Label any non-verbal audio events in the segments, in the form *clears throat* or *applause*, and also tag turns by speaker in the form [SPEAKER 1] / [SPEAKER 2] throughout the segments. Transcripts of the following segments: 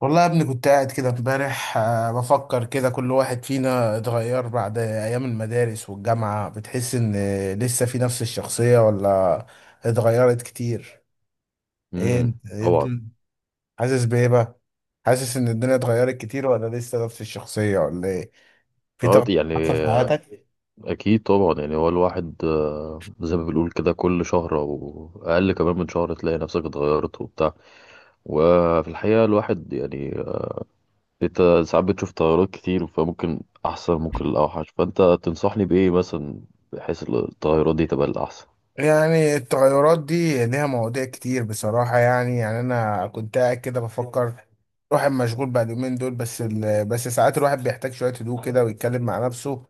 [SPEAKER 1] والله يا ابني، كنت قاعد كده امبارح، بفكر كده. كل واحد فينا اتغير بعد ايام المدارس والجامعة. بتحس ان لسه في نفس الشخصية ولا اتغيرت كتير؟ ايه انت، إيه
[SPEAKER 2] طبعا.
[SPEAKER 1] الدنيا؟ حاسس بايه بقى؟ حاسس ان الدنيا اتغيرت كتير ولا لسه نفس الشخصية ولا ايه؟ في
[SPEAKER 2] اه
[SPEAKER 1] تغير
[SPEAKER 2] يعني
[SPEAKER 1] حصل في
[SPEAKER 2] آه،
[SPEAKER 1] حياتك؟
[SPEAKER 2] اكيد طبعا، يعني هو الواحد زي ما بنقول كده كل شهر او اقل كمان من شهر تلاقي نفسك اتغيرت وبتاع. وفي الحقيقة الواحد يعني انت ساعات بتشوف تغيرات كتير، فممكن احسن ممكن الاوحش. فانت تنصحني بايه مثلا بحيث التغيرات دي تبقى الاحسن؟
[SPEAKER 1] يعني التغيرات دي ليها مواضيع كتير بصراحة. يعني أنا كنت قاعد كده بفكر. الواحد مشغول بقى اليومين دول، بس بس ساعات الواحد بيحتاج شوية هدوء كده ويتكلم مع نفسه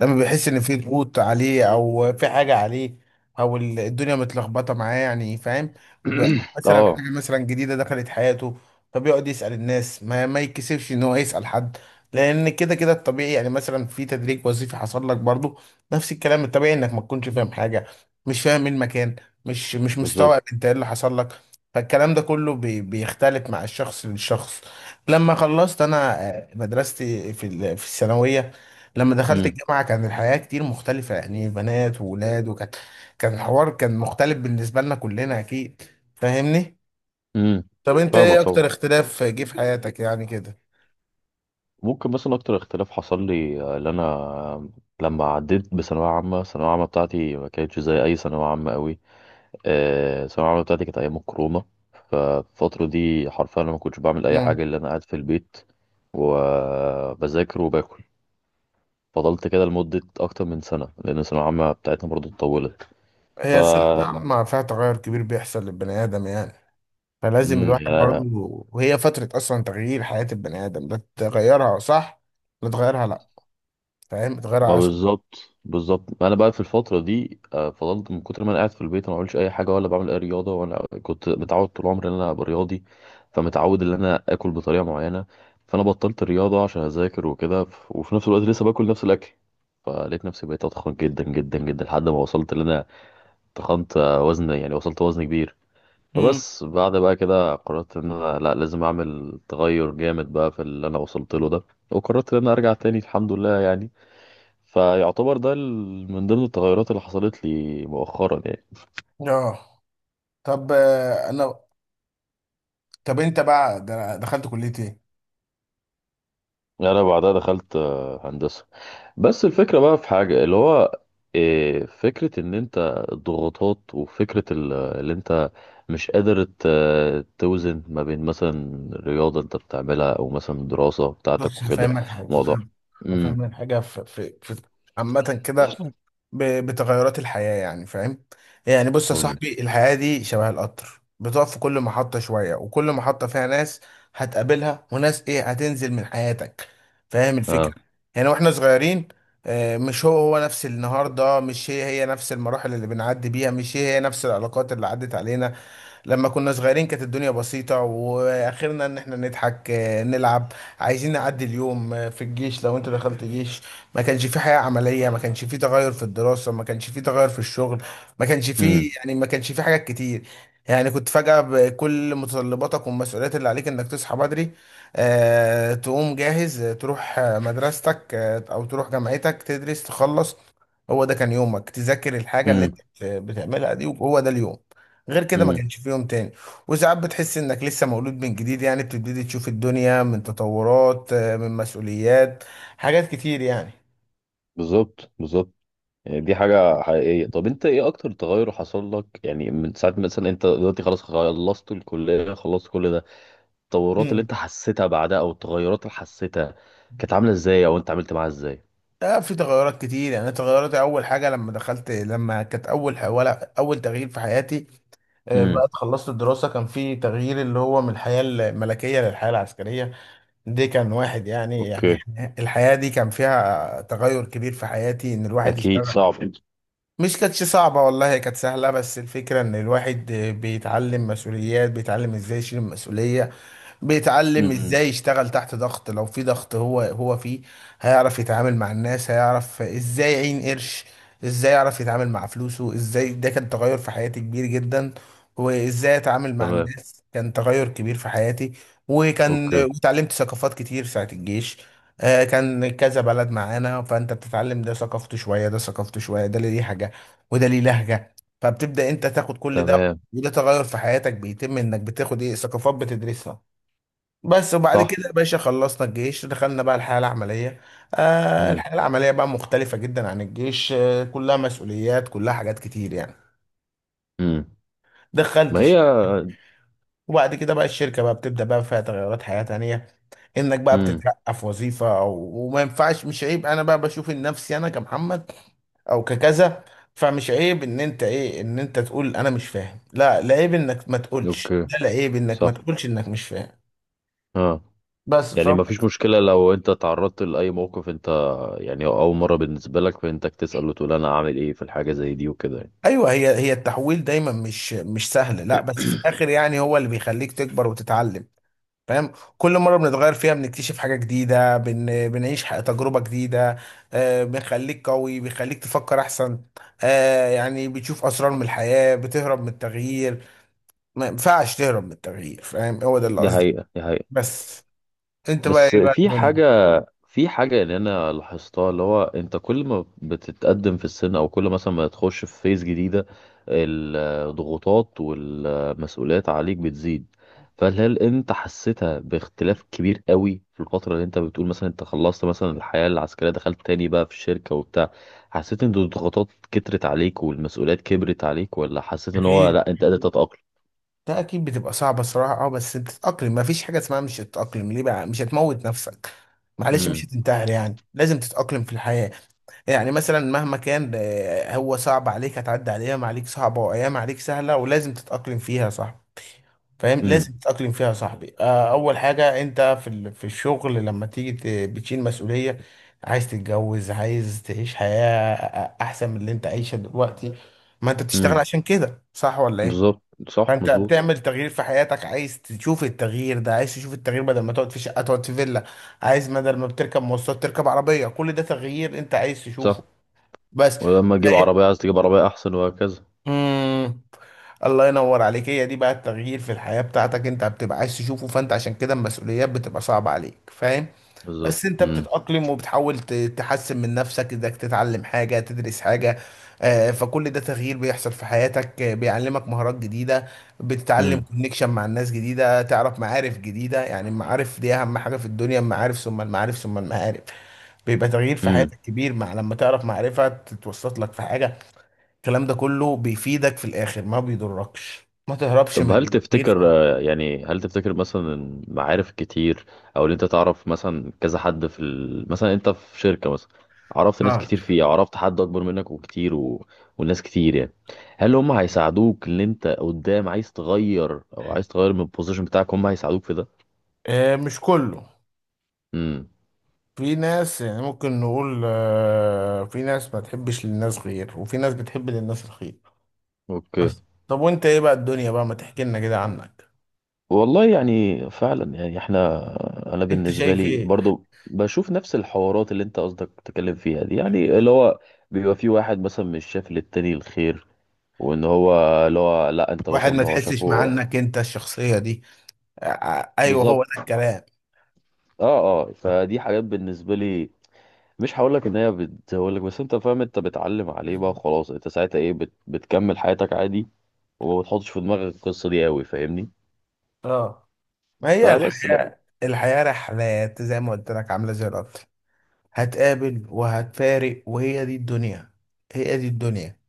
[SPEAKER 1] لما بيحس ان في ضغوط عليه او في حاجه عليه، او الدنيا متلخبطه معاه، يعني فاهم. أو
[SPEAKER 2] *clears throat*
[SPEAKER 1] مثلا
[SPEAKER 2] اه.
[SPEAKER 1] حاجه مثلا جديده دخلت حياته، فبيقعد يسال الناس. ما يتكسفش ان هو يسال حد، لان كده كده الطبيعي. يعني مثلا في تدريج وظيفي حصل لك برضو، نفس الكلام، الطبيعي انك ما تكونش فاهم حاجه، مش فاهم إيه المكان، مش
[SPEAKER 2] بالظبط.
[SPEAKER 1] مستوعب انت ايه اللي حصل لك. فالكلام ده كله بيختلف مع الشخص للشخص. لما خلصت انا، مدرستي في في الثانويه، لما دخلت
[SPEAKER 2] امم.
[SPEAKER 1] الجامعة كان الحياة كتير مختلفة، يعني بنات وولاد، وكانت، كان الحوار كان مختلف بالنسبة لنا كلنا أكيد. فاهمني؟
[SPEAKER 2] امم.
[SPEAKER 1] طب أنت
[SPEAKER 2] فاهمك
[SPEAKER 1] إيه
[SPEAKER 2] طبعا.
[SPEAKER 1] أكتر اختلاف جه في حياتك يعني كده؟
[SPEAKER 2] ممكن مثلا اكتر اختلاف حصل لي اللي انا لما عديت بثانويه عامه، الثانويه العامه بتاعتي ما كانتش زي اي ثانويه عامه قوي. الثانويه العامه بتاعتي كانت ايام الكورونا. فالفتره دي حرفيا انا ما كنتش بعمل اي
[SPEAKER 1] مم.
[SPEAKER 2] حاجه الا انا قاعد في البيت وبذاكر وباكل. فضلت كده لمده اكتر من سنه لان الثانويه العامه بتاعتنا برضو اتطولت. ف
[SPEAKER 1] هي سنة الجامعة فيها تغير كبير بيحصل للبني آدم، يعني فلازم الواحد برضه.
[SPEAKER 2] يعني
[SPEAKER 1] وهي فترة أصلا تغيير حياة البني آدم، لا تغيرها صح، لا تغيرها لأ. فاهم؟
[SPEAKER 2] ما
[SPEAKER 1] تغيرها أصلا.
[SPEAKER 2] بالظبط بالظبط. انا بقى في الفتره دي فضلت من كتر ما انا قاعد في البيت، أنا ما بعملش اي حاجه ولا بعمل اي رياضه. وانا كنت متعود طول عمري ان انا ابقى رياضي، فمتعود ان انا اكل بطريقه معينه. فانا بطلت الرياضه عشان اذاكر وكده. وفي نفس الوقت لسه باكل نفس الاكل، فلقيت نفسي بقيت اتخن جدا جدا جدا لحد ما وصلت ان انا تخنت. وزن يعني وصلت وزن كبير.
[SPEAKER 1] مم.
[SPEAKER 2] فبس بعد بقى كده قررت ان انا لا لازم اعمل تغير جامد بقى في اللي انا وصلت له ده، وقررت ان انا ارجع تاني الحمد لله يعني. فيعتبر ده من ضمن التغيرات اللي حصلت لي مؤخرا يعني.
[SPEAKER 1] آه. طب، أنا، طب أنت بقى دخلت كلية إيه؟
[SPEAKER 2] يعني انا بعدها دخلت هندسة. بس الفكرة بقى في حاجة اللي هو فكرة ان انت الضغوطات، وفكرة اللي انت مش قادر توزن ما بين مثلا رياضة انت بتعملها او مثلا الدراسة بتاعتك
[SPEAKER 1] بص
[SPEAKER 2] وكده.
[SPEAKER 1] هفهمك حاجة،
[SPEAKER 2] موضوع. امم.
[SPEAKER 1] هفهمك حاجة في عامة كده، بتغيرات الحياة يعني، فاهم؟ يعني بص يا
[SPEAKER 2] قول لي.
[SPEAKER 1] صاحبي، الحياة دي شبه القطر، بتقف في كل محطة شوية، وكل محطة فيها ناس هتقابلها وناس ايه هتنزل من حياتك. فاهم الفكرة؟
[SPEAKER 2] اه.
[SPEAKER 1] يعني واحنا صغيرين، مش هو نفس النهاردة، مش هي نفس المراحل اللي بنعدي بيها، مش هي نفس العلاقات اللي عدت علينا. لما كنا صغيرين كانت الدنيا بسيطة، واخرنا ان احنا نضحك، نلعب، عايزين نعدي اليوم. في الجيش، لو انت دخلت جيش، ما كانش في حياة عملية، ما كانش في تغير في الدراسة، ما كانش في تغير في الشغل، ما كانش في،
[SPEAKER 2] امم.
[SPEAKER 1] يعني ما كانش في حاجات كتير. يعني كنت فجأة بكل متطلباتك والمسؤوليات اللي عليك، انك تصحى بدري، تقوم جاهز، تروح، مدرستك، او تروح جامعتك، تدرس، تخلص. هو ده كان يومك، تذاكر الحاجة اللي انت
[SPEAKER 2] امم.
[SPEAKER 1] بتعملها دي، وهو ده اليوم، غير كده ما
[SPEAKER 2] امم.
[SPEAKER 1] كانش في يوم تاني. وساعات بتحس انك لسه مولود من جديد، يعني بتبتدي تشوف الدنيا من تطورات، من مسؤوليات، حاجات كتير يعني.
[SPEAKER 2] بالظبط بالظبط. يعني دي حاجة حقيقية. طب انت ايه اكتر تغير حصل لك يعني؟ من ساعة مثلا انت دلوقتي خلاص خلصت الكلية خلصت كل ده، التطورات اللي
[SPEAKER 1] مم.
[SPEAKER 2] انت حسيتها بعدها او التغيرات اللي حسيتها كانت عاملة ازاي، او انت عملت معاها ازاي؟
[SPEAKER 1] في تغيرات كتير، يعني تغيرات، اول حاجه لما دخلت، لما كانت اول، ولا اول تغيير في حياتي،
[SPEAKER 2] امم.
[SPEAKER 1] بعد خلصت الدراسه، كان في تغيير اللي هو من الحياه الملكيه للحياه العسكريه. دي كان واحد يعني، يعني
[SPEAKER 2] اوكي.
[SPEAKER 1] الحياه دي كان فيها تغير كبير في حياتي، ان الواحد يشتغل.
[SPEAKER 2] اكيد صعب.
[SPEAKER 1] مش كانتش صعبة والله، هي كانت سهلة، بس الفكرة إن الواحد بيتعلم مسؤوليات، بيتعلم إزاي يشيل المسؤولية، بيتعلم
[SPEAKER 2] امم.
[SPEAKER 1] ازاي يشتغل تحت ضغط، لو في ضغط هو فيه، هيعرف يتعامل مع الناس، هيعرف ازاي يعين قرش، ازاي يعرف يتعامل مع فلوسه ازاي. ده كان تغير في حياتي كبير جدا. وازاي اتعامل مع
[SPEAKER 2] تمام.
[SPEAKER 1] الناس كان تغير كبير في حياتي. وكان،
[SPEAKER 2] اوكي.
[SPEAKER 1] وتعلمت ثقافات كتير ساعة الجيش. كان كذا بلد معانا، فانت بتتعلم، ده ثقافته شوية، ده ثقافته شوية، ده ليه حاجة وده ليه لهجة، فبتبدأ انت تاخد كل ده.
[SPEAKER 2] تمام.
[SPEAKER 1] وده تغير في حياتك بيتم، انك بتاخد ايه ثقافات بتدرسها. بس، وبعد
[SPEAKER 2] صح.
[SPEAKER 1] كده يا باشا خلصنا الجيش، دخلنا بقى الحياة العملية. آه،
[SPEAKER 2] امم.
[SPEAKER 1] الحياة العملية بقى مختلفة جدا عن الجيش، آه كلها مسؤوليات، كلها حاجات كتير يعني.
[SPEAKER 2] امم. ما هي.
[SPEAKER 1] دخلتش، وبعد كده بقى الشركة بقى بتبدأ بقى فيها تغيرات حياة تانية، انك بقى
[SPEAKER 2] امم.
[SPEAKER 1] بتترقى في وظيفة أو، وما ينفعش، مش عيب انا بقى بشوف إن نفسي انا كمحمد او ككذا، فمش عيب ان انت ايه، ان انت تقول انا مش فاهم. لا عيب انك ما تقولش
[SPEAKER 2] اوكي.
[SPEAKER 1] ده، لا عيب انك ما
[SPEAKER 2] صح.
[SPEAKER 1] تقولش انك مش فاهم.
[SPEAKER 2] اه.
[SPEAKER 1] بس.
[SPEAKER 2] يعني ما فيش مشكلة لو انت تعرضت لأي موقف انت يعني اول مرة بالنسبة لك، فانتك تسأل وتقول انا اعمل ايه في الحاجة زي دي وكده يعني.
[SPEAKER 1] ايوه، هي التحويل دايما مش سهل، لا بس في الاخر يعني هو اللي بيخليك تكبر وتتعلم. فاهم؟ كل مره بنتغير فيها بنكتشف حاجه جديده، بنعيش تجربه جديده، آه بنخليك قوي، بيخليك تفكر احسن، آه يعني بتشوف اسرار من الحياه. بتهرب من التغيير؟ ما ينفعش تهرب من التغيير، فاهم؟ هو ده اللي
[SPEAKER 2] دي
[SPEAKER 1] قصدي.
[SPEAKER 2] حقيقة دي حقيقة.
[SPEAKER 1] بس انت بقى
[SPEAKER 2] بس
[SPEAKER 1] ايه بقى الدنيا؟
[SPEAKER 2] في حاجة اللي أنا لاحظتها اللي هو أنت كل ما بتتقدم في السن، أو كل مثلا ما تخش في فيز جديدة، الضغوطات والمسؤوليات عليك بتزيد. فهل أنت حسيتها باختلاف كبير قوي في الفترة اللي أنت بتقول مثلا أنت خلصت مثلا الحياة العسكرية، دخلت تاني بقى في الشركة وبتاع؟ حسيت إن الضغوطات كترت عليك والمسؤوليات كبرت عليك، ولا حسيت إن هو
[SPEAKER 1] اكيد،
[SPEAKER 2] لأ أنت قادر تتأقلم؟
[SPEAKER 1] ده اكيد بتبقى صعبة الصراحة، اه، بس بتتأقلم، مفيش حاجة اسمها مش هتتأقلم. ليه بقى؟ مش هتموت نفسك، معلش مش
[SPEAKER 2] امم.
[SPEAKER 1] هتنتحر، يعني لازم تتأقلم في الحياة. يعني مثلا مهما كان، هو صعب عليك، هتعدي على ايام عليك صعبة وايام عليك سهلة، ولازم تتأقلم فيها، صح؟ فاهم،
[SPEAKER 2] امم.
[SPEAKER 1] لازم تتأقلم فيها يا صاحبي. اول حاجة انت في في الشغل لما تيجي بتشيل مسؤولية، عايز تتجوز، عايز تعيش حياة احسن من اللي انت عايشها دلوقتي. ما انت بتشتغل
[SPEAKER 2] امم.
[SPEAKER 1] عشان كده، صح ولا ايه؟
[SPEAKER 2] بالظبط. صح
[SPEAKER 1] فانت
[SPEAKER 2] مظبوط.
[SPEAKER 1] بتعمل تغيير في حياتك، عايز تشوف التغيير ده، عايز تشوف التغيير بدل ما تقعد في شقه تقعد في فيلا، عايز بدل ما بتركب مواصلات تركب عربيه، كل ده تغيير انت عايز تشوفه.
[SPEAKER 2] صح.
[SPEAKER 1] بس.
[SPEAKER 2] ولما تجيب عربية عايز تجيب عربية أحسن وهكذا.
[SPEAKER 1] امم. الله ينور عليك، هي دي بقى التغيير في الحياه بتاعتك انت بتبقى عايز تشوفه، فانت عشان كده المسؤوليات بتبقى صعبه عليك، فاهم.
[SPEAKER 2] بالظبط.
[SPEAKER 1] بس انت
[SPEAKER 2] مم.
[SPEAKER 1] بتتأقلم وبتحاول تحسن من نفسك، انك تتعلم حاجة، تدرس حاجة، فكل ده تغيير بيحصل في حياتك، بيعلمك مهارات جديدة، بتتعلم
[SPEAKER 2] مم.
[SPEAKER 1] كونكشن مع الناس جديدة، تعرف معارف جديدة. يعني المعارف دي أهم حاجة في الدنيا، المعارف ثم المعارف ثم المعارف. بيبقى تغيير في
[SPEAKER 2] مم.
[SPEAKER 1] حياتك كبير مع لما تعرف معرفة تتوسط لك في حاجة. الكلام ده كله بيفيدك في الآخر، ما بيضركش، ما تهربش
[SPEAKER 2] طب هل
[SPEAKER 1] من تغيير في
[SPEAKER 2] تفتكر
[SPEAKER 1] حياتك.
[SPEAKER 2] يعني هل تفتكر مثلا إن معارف كتير، أو إن أنت تعرف مثلا كذا حد في ال... مثلا أنت في شركة مثلا، عرفت ناس
[SPEAKER 1] اه.
[SPEAKER 2] كتير فيها، عرفت حد أكبر منك وكتير و... والناس كتير يعني، هل هم هيساعدوك إن أنت قدام عايز تغير، أو عايز تغير من البوزيشن بتاعك، هم هيساعدوك في ده؟
[SPEAKER 1] مش كله،
[SPEAKER 2] مم.
[SPEAKER 1] في ناس يعني ممكن نقول، في ناس ما تحبش للناس خير، وفي ناس بتحب للناس الخير.
[SPEAKER 2] أوكي.
[SPEAKER 1] بس طب وانت ايه بقى الدنيا بقى، ما تحكي لنا كده عنك.
[SPEAKER 2] والله يعني فعلا يعني احنا، انا
[SPEAKER 1] انت
[SPEAKER 2] بالنسبه
[SPEAKER 1] شايف
[SPEAKER 2] لي
[SPEAKER 1] ايه؟
[SPEAKER 2] برضو بشوف نفس الحوارات اللي انت قصدك تتكلم فيها دي، يعني اللي هو بيبقى في واحد مثلا مش شايف للتاني الخير، وان هو اللي هو لا انت
[SPEAKER 1] واحد
[SPEAKER 2] مثلا ان
[SPEAKER 1] ما
[SPEAKER 2] هو
[SPEAKER 1] تحسش مع
[SPEAKER 2] شافه.
[SPEAKER 1] انك انت الشخصية دي؟ ايوه هو ده
[SPEAKER 2] بالظبط.
[SPEAKER 1] الكلام.
[SPEAKER 2] اه. اه. فدي حاجات بالنسبه لي، مش هقول لك ان هي بتزود لك، بس انت فاهم، انت بتعلم عليه بقى خلاص. انت ساعتها ايه بتكمل حياتك عادي، وما بتحطش في دماغك القصه دي قوي، فاهمني؟
[SPEAKER 1] اه. ما هي
[SPEAKER 2] فبس لا
[SPEAKER 1] الحياة، الحياة رحلات زي ما قلت لك، عاملة زي القطر، هتقابل وهتفارق، وهي دي الدنيا، هي دي الدنيا.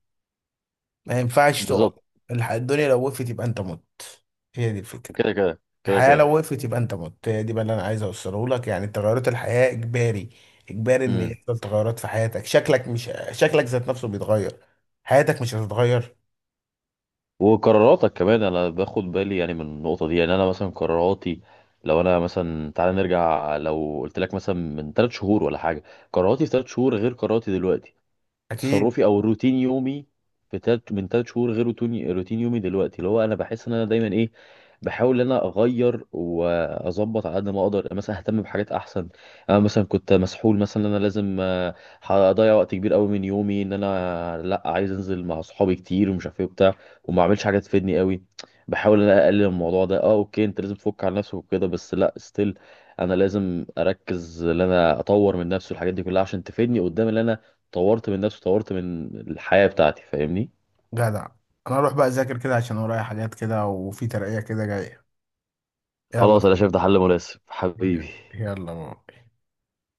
[SPEAKER 1] ما ينفعش تقف.
[SPEAKER 2] بالظبط.
[SPEAKER 1] الدنيا لو وقفت يبقى انت مت، هي دي الفكرة.
[SPEAKER 2] كده كده
[SPEAKER 1] الحياة
[SPEAKER 2] كده
[SPEAKER 1] لو وقفت يبقى انت مت، هي دي بقى اللي انا عايز اوصله لك، يعني تغيرات الحياة اجباري، اجباري ان
[SPEAKER 2] كده.
[SPEAKER 1] يحصل تغيرات في حياتك، شكلك، مش شكلك ذات نفسه بيتغير، حياتك مش هتتغير؟
[SPEAKER 2] وقراراتك كمان، انا باخد بالي يعني من النقطه دي. يعني انا مثلا قراراتي، لو انا مثلا تعالى نرجع، لو قلت لك مثلا من 3 شهور ولا حاجه، قراراتي في 3 شهور غير قراراتي دلوقتي.
[SPEAKER 1] اكيد.
[SPEAKER 2] تصرفي او روتين يومي في تلت من 3 شهور غير روتين يومي دلوقتي. اللي هو انا بحس ان انا دايما ايه، بحاول ان انا اغير واظبط على قد ما اقدر، يعني مثلا اهتم بحاجات احسن. انا مثلا كنت مسحول مثلا ان انا لازم هضيع وقت كبير قوي من يومي. ان انا لا عايز انزل مع اصحابي كتير ومش عارف ايه وبتاع، وما اعملش حاجه تفيدني قوي. بحاول ان انا اقلل الموضوع ده. اه اوكي، انت لازم تفك على نفسك وكده، بس لا ستيل، انا لازم اركز ان انا اطور من نفسي والحاجات دي كلها، عشان تفيدني قدام ان انا طورت من نفسي، طورت من الحياة بتاعتي، فاهمني؟
[SPEAKER 1] جدع. انا اروح بقى اذاكر كده، عشان ورايا حاجات كده وفي ترقية كده جاية. يلا.
[SPEAKER 2] خلاص انا شايف ده حل مناسب حبيبي.
[SPEAKER 1] يلا بقى.